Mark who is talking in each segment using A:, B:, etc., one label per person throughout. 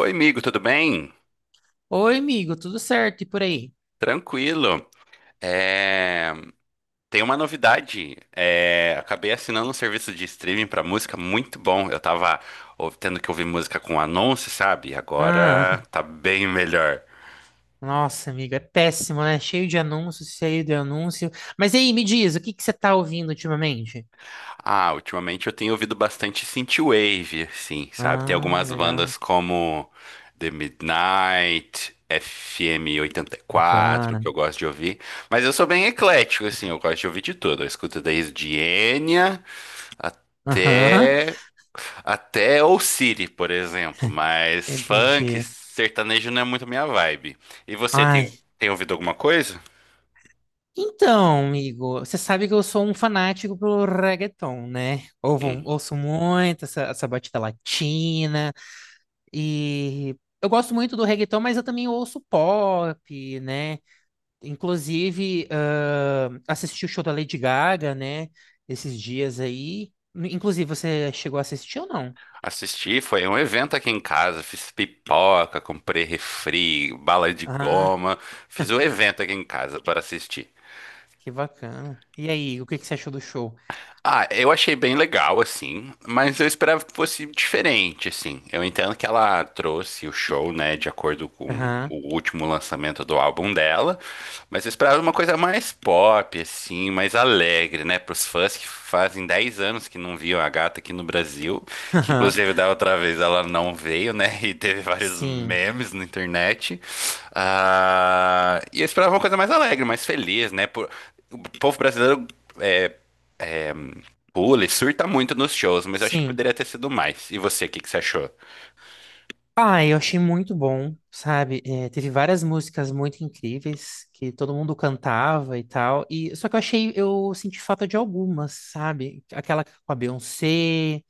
A: Oi, amigo, tudo bem?
B: Oi, amigo, tudo certo? E por aí?
A: Tranquilo. É, Tem uma novidade. Acabei assinando um serviço de streaming para música muito bom. Eu tava tendo que ouvir música com anúncio, sabe? Agora
B: Ah,
A: tá bem melhor.
B: nossa, amigo, é péssimo, né? Cheio de anúncios, cheio de anúncio. Mas e aí, me diz, o que que você tá ouvindo ultimamente?
A: Ah, ultimamente eu tenho ouvido bastante synthwave, sim, sabe? Tem
B: Ah,
A: algumas
B: legal.
A: bandas como The Midnight, FM quatro que
B: Bacana.
A: eu gosto de ouvir. Mas eu sou bem eclético, assim, eu gosto de ouvir de tudo. Eu escuto desde Enya.
B: Aham,
A: Até. Até ou City, por exemplo. Mas funk,
B: entendi.
A: sertanejo não é muito minha vibe. E você
B: Ai,
A: tem ouvido alguma coisa?
B: então, amigo, você sabe que eu sou um fanático pelo reggaeton, né? Ouvo,
A: Hum.
B: ouço muito essa batida latina e eu gosto muito do reggaeton, mas eu também ouço pop, né? Inclusive, assisti o show da Lady Gaga, né? Esses dias aí. Inclusive, você chegou a assistir ou não?
A: Assisti, foi um evento aqui em casa. Fiz pipoca, comprei refri, bala de
B: Ah,
A: goma. Fiz um evento aqui em casa para assistir.
B: que bacana. E aí, o que que você achou do show?
A: Ah, eu achei bem legal, assim, mas eu esperava que fosse diferente, assim. Eu entendo que ela trouxe o show, né, de acordo com
B: Aham.
A: o último lançamento do álbum dela, mas eu esperava uma coisa mais pop, assim, mais alegre, né, pros fãs que fazem 10 anos que não viam a gata aqui no Brasil, que inclusive da outra vez ela não veio, né, e teve vários
B: Sim,
A: memes na internet. Ah, e eu esperava uma coisa mais alegre, mais feliz, né, o povo brasileiro. é, é, Pula e surta muito nos shows, mas eu acho que
B: sim.
A: poderia ter sido mais. E você, o que que você achou?
B: Ah, eu achei muito bom, sabe? É, teve várias músicas muito incríveis que todo mundo cantava e tal. E só que eu achei, eu senti falta de algumas, sabe? Aquela com a Beyoncé,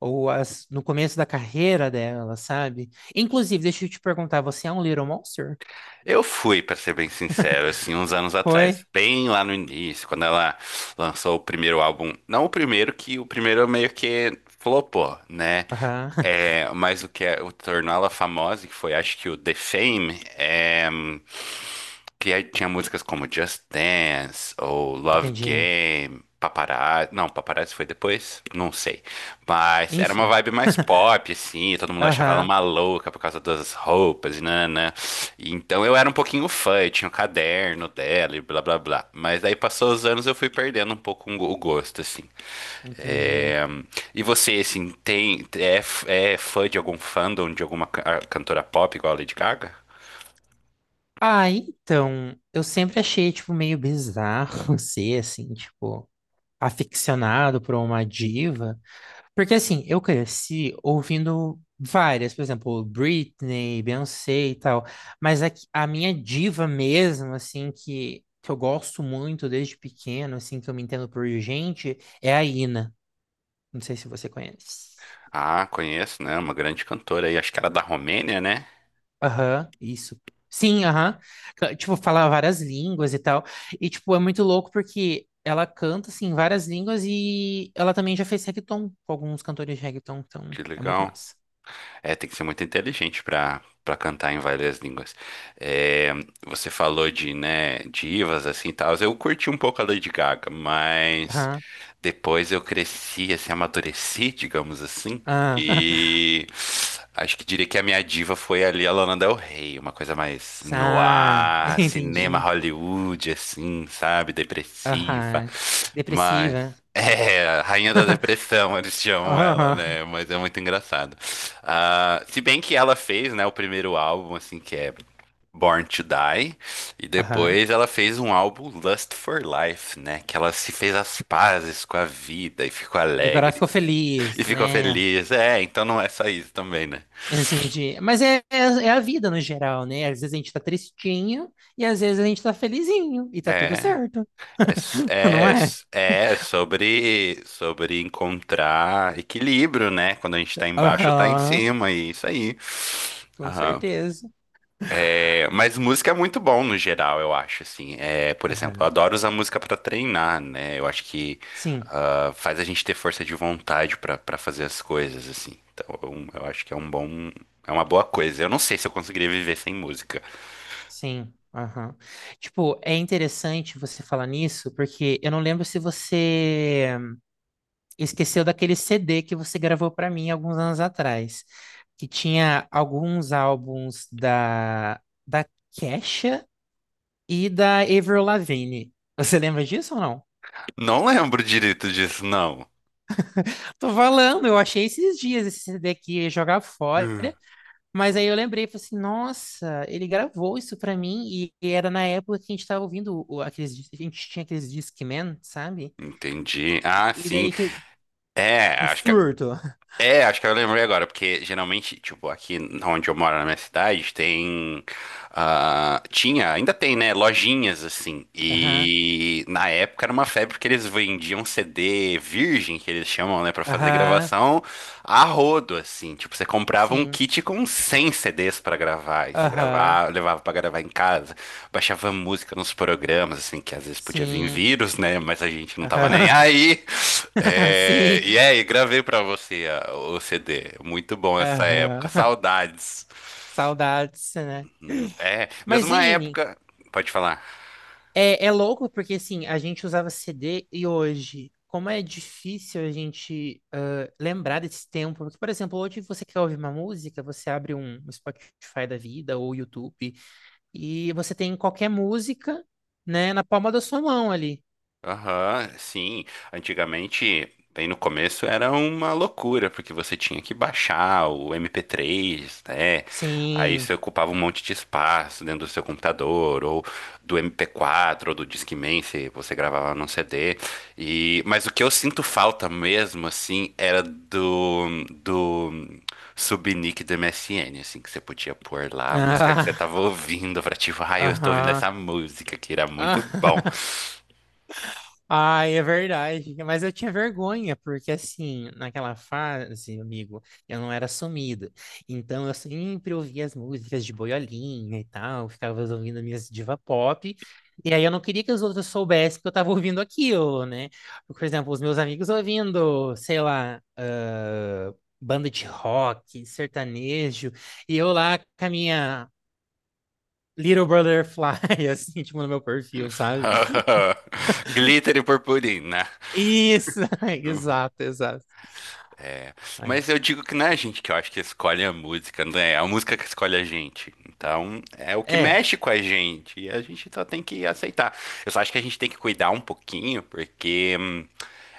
B: ou as, no começo da carreira dela, sabe? Inclusive, deixa eu te perguntar, você é um Little Monster?
A: Eu fui, pra ser bem sincero, assim, uns anos atrás,
B: Foi?
A: bem lá no início, quando ela lançou o primeiro álbum. Não o primeiro, que o primeiro meio que flopou, né?
B: Aham,
A: É, mas o que é, o tornou ela famosa, que foi acho que o The Fame, que aí tinha músicas como Just Dance ou Love
B: entendi.
A: Game, Paparazzi. Não, Paparazzi foi depois? Não sei. Mas era uma
B: Enfim,
A: vibe mais pop, assim. E todo mundo achava ela
B: aham,
A: uma louca por causa das roupas e nanã. E então eu era um pouquinho fã, eu tinha o caderno dela e blá blá blá. Mas daí passou os anos eu fui perdendo um pouco o gosto, assim.
B: entendi.
A: É, E você, assim, é fã de algum fandom, de alguma cantora pop igual a Lady Gaga?
B: Ah, então, eu sempre achei, tipo, meio bizarro ser, assim, tipo, aficionado por uma diva. Porque assim, eu cresci ouvindo várias, por exemplo, Britney, Beyoncé e tal, mas a, que- a minha diva mesmo, assim, que eu gosto muito desde pequeno, assim, que eu me entendo por gente, é a Ina. Não sei se você conhece.
A: Ah, conheço, né? Uma grande cantora aí, acho que era da Romênia, né?
B: Aham, isso. Sim, aham. Ca- Tipo, fala várias línguas e tal. E, tipo, é muito louco porque ela canta, assim, várias línguas e ela também já fez reggaeton com alguns cantores de reggaeton, então
A: Que
B: é muito
A: legal.
B: massa.
A: É, tem que ser muito inteligente pra para cantar em várias línguas. É, você falou de, né, divas assim, e tal. Eu curti um pouco a Lady Gaga, mas
B: Aham.
A: depois eu cresci, assim, amadureci, digamos assim,
B: Ah.
A: e acho que diria que a minha diva foi ali a Lana Del Rey, uma coisa mais
B: Ah,
A: noir, cinema
B: entendi.
A: Hollywood, assim, sabe, depressiva.
B: Aham.
A: Mas
B: Depressiva.
A: é a rainha da depressão, eles chamam ela,
B: Aham.
A: né? Mas é muito engraçado. Ah, se bem que ela fez, né, o primeiro álbum, assim, que é Born to Die, e
B: Aham.
A: depois ela fez um álbum Lust for Life, né? Que ela se fez as pazes com a vida e ficou
B: E agora
A: alegre
B: ficou
A: e
B: feliz,
A: ficou
B: né?
A: feliz. É, então não é só isso também, né?
B: Entendi. Mas é a vida no geral, né? Às vezes a gente tá tristinho e às vezes a gente tá felizinho e tá tudo
A: É.
B: certo.
A: É, s-
B: Não
A: é,
B: é?
A: s- é sobre encontrar equilíbrio, né? Quando a gente tá embaixo, tá em
B: Aham.
A: cima, e isso aí.
B: Com
A: Aham.
B: certeza.
A: É, mas música é muito bom no geral, eu acho, assim. É, por exemplo, eu
B: Aham.
A: adoro usar música pra treinar, né? Eu acho que
B: Sim,
A: faz a gente ter força de vontade pra fazer as coisas, assim. Então, eu acho que é um bom, é uma boa coisa. Eu não sei se eu conseguiria viver sem música.
B: sim. Aham. Tipo, é interessante você falar nisso, porque eu não lembro se você esqueceu daquele CD que você gravou para mim alguns anos atrás, que tinha alguns álbuns da Kesha e da Avril Lavigne. Você lembra disso ou não?
A: Não lembro direito disso, não.
B: Tô falando, eu achei esses dias esse CD aqui, ia jogar fora,
A: Hum.
B: mas aí eu lembrei, falei assim, nossa, ele gravou isso pra mim, e era na época que a gente tava ouvindo o- aqueles, dis- a gente tinha aqueles Discman, sabe?
A: Entendi. Ah,
B: E
A: sim.
B: daí que-
A: É,
B: o surto.
A: acho que eu lembrei agora, porque geralmente, tipo, aqui onde eu moro na minha cidade, tem tinha, ainda tem, né, lojinhas assim.
B: Aham,
A: E na época era uma febre porque eles vendiam CD virgem, que eles chamam, né, pra fazer
B: aham,
A: gravação a rodo assim. Tipo, você comprava um
B: sim,
A: kit com 100 CDs pra gravar, e você
B: aham,
A: gravava, levava pra gravar em casa, baixava música nos programas, assim, que às vezes podia vir
B: sim.
A: vírus, né? Mas a gente não tava nem
B: Aham.
A: aí. É,
B: Sim.
A: e aí, gravei pra você o CD. Muito bom essa época.
B: Aham.
A: Saudades.
B: Saudades, né?
A: É,
B: Mas,
A: mesma
B: sim,
A: época. Pode falar.
B: é louco porque, assim, a gente usava CD e hoje, como é difícil a gente lembrar desse tempo. Porque, por exemplo, hoje você quer ouvir uma música, você abre um Spotify da vida ou YouTube e você tem qualquer música, né, na palma da sua mão ali.
A: Aham, sim. Antigamente, bem no começo, era uma loucura, porque você tinha que baixar o MP3, né? Aí
B: Sim.
A: você ocupava um monte de espaço dentro do seu computador, ou do MP4, ou do Discman, se você gravava num CD. Mas o que eu sinto falta mesmo, assim, era do subnick do MSN, assim, que você podia pôr lá a música que você
B: Ah,
A: tava ouvindo pra, tipo, ai, eu estou ouvindo essa
B: aham.
A: música, que era muito bom.
B: Ah. Ai, é verdade. Mas eu tinha vergonha, porque assim, naquela fase, amigo, eu não era sumido. Então eu sempre ouvia as músicas de boiolinha e tal, ficava ouvindo minhas diva pop. E aí eu não queria que os outros soubessem que eu tava ouvindo aquilo, né? Por exemplo, os meus amigos ouvindo, sei lá, ah, banda de rock, sertanejo, e eu lá com a minha Little Brotherfly, assim, tipo, no meu perfil, sabe?
A: Glitter e purpurina.
B: Isso, exato. Aí.
A: Mas eu digo que não é a gente que eu acho que escolhe a música, né? É. É a música que escolhe a gente. Então, é o que
B: É,
A: mexe com a gente. E a gente só tem que aceitar. Eu só acho que a gente tem que cuidar um pouquinho, porque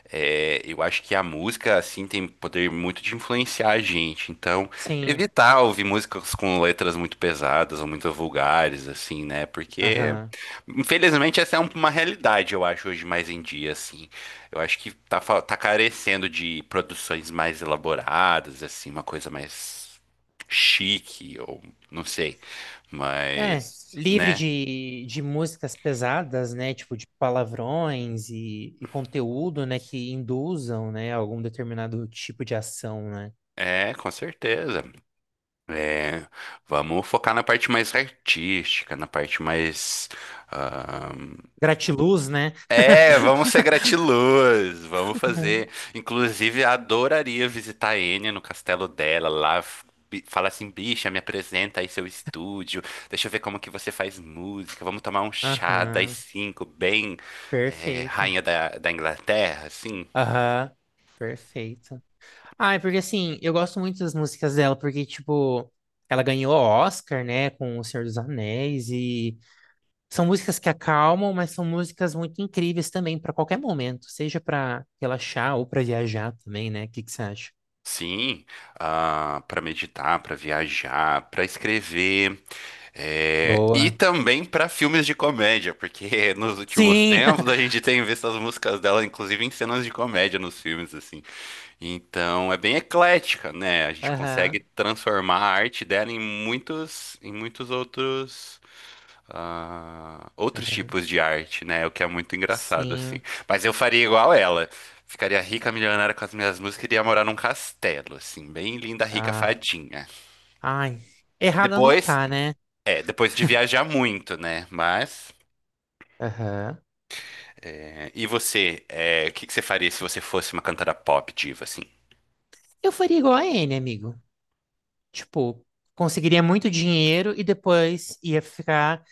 A: Eu acho que a música, assim, tem poder muito de influenciar a gente. Então,
B: sim.
A: evitar ouvir músicas com letras muito pesadas ou muito vulgares, assim, né? Porque,
B: Aham.
A: infelizmente, essa é uma realidade, eu acho, hoje mais em dia, assim. Eu acho que tá carecendo de produções mais elaboradas, assim, uma coisa mais chique, ou não sei.
B: É,
A: Mas,
B: livre
A: né?
B: de músicas pesadas, né? Tipo, de palavrões e conteúdo, né? Que induzam, né? Algum determinado tipo de ação, né?
A: É, com certeza. É, vamos focar na parte mais artística, na parte mais. ah,
B: Gratiluz, né?
A: vamos ser gratiluz, vamos fazer. Inclusive, adoraria visitar a Enya no castelo dela lá. Falar assim, bicha, me apresenta aí seu estúdio, deixa eu ver como que você faz música, vamos tomar um chá das
B: Aham.
A: cinco, bem
B: Perfeito.
A: rainha da Inglaterra, assim.
B: Aham. Perfeito. Ah, é porque assim, eu gosto muito das músicas dela, porque, tipo, ela ganhou o Oscar, né, com O Senhor dos Anéis, e são músicas que acalmam, mas são músicas muito incríveis também para qualquer momento, seja para relaxar ou para viajar também, né? O que que você acha?
A: Sim, para meditar, para viajar, para escrever, e
B: Boa.
A: também para filmes de comédia, porque nos últimos
B: Sim.
A: tempos a gente tem visto as músicas dela, inclusive em cenas de comédia nos filmes, assim. Então é bem eclética, né? A gente consegue
B: Aham.
A: transformar a arte dela em muitos outros
B: Aham.
A: tipos de arte, né? O que é muito engraçado, assim.
B: Sim.
A: Mas eu faria igual ela. Ficaria rica, milionária com as minhas músicas e iria morar num castelo, assim, bem linda, rica,
B: Ah.
A: fadinha.
B: Ai. Errada não
A: Depois,
B: tá, né?
A: depois de viajar muito, né? Mas.
B: Aham.
A: E você, o que que você faria se você fosse uma cantora pop diva, assim?
B: Eu faria igual a N, amigo. Tipo, conseguiria muito dinheiro e depois ia ficar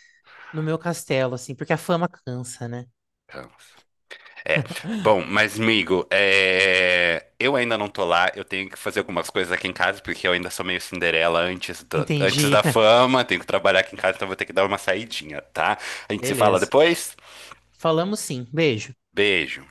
B: no meu castelo, assim, porque a fama cansa, né?
A: Então. É. Bom, mas, amigo, eu ainda não tô lá. Eu tenho que fazer algumas coisas aqui em casa, porque eu ainda sou meio Cinderela antes antes
B: Entendi.
A: da fama. Tenho que trabalhar aqui em casa, então vou ter que dar uma saidinha, tá? A gente se fala
B: Beleza.
A: depois.
B: Falamos sim. Beijo.
A: Beijo.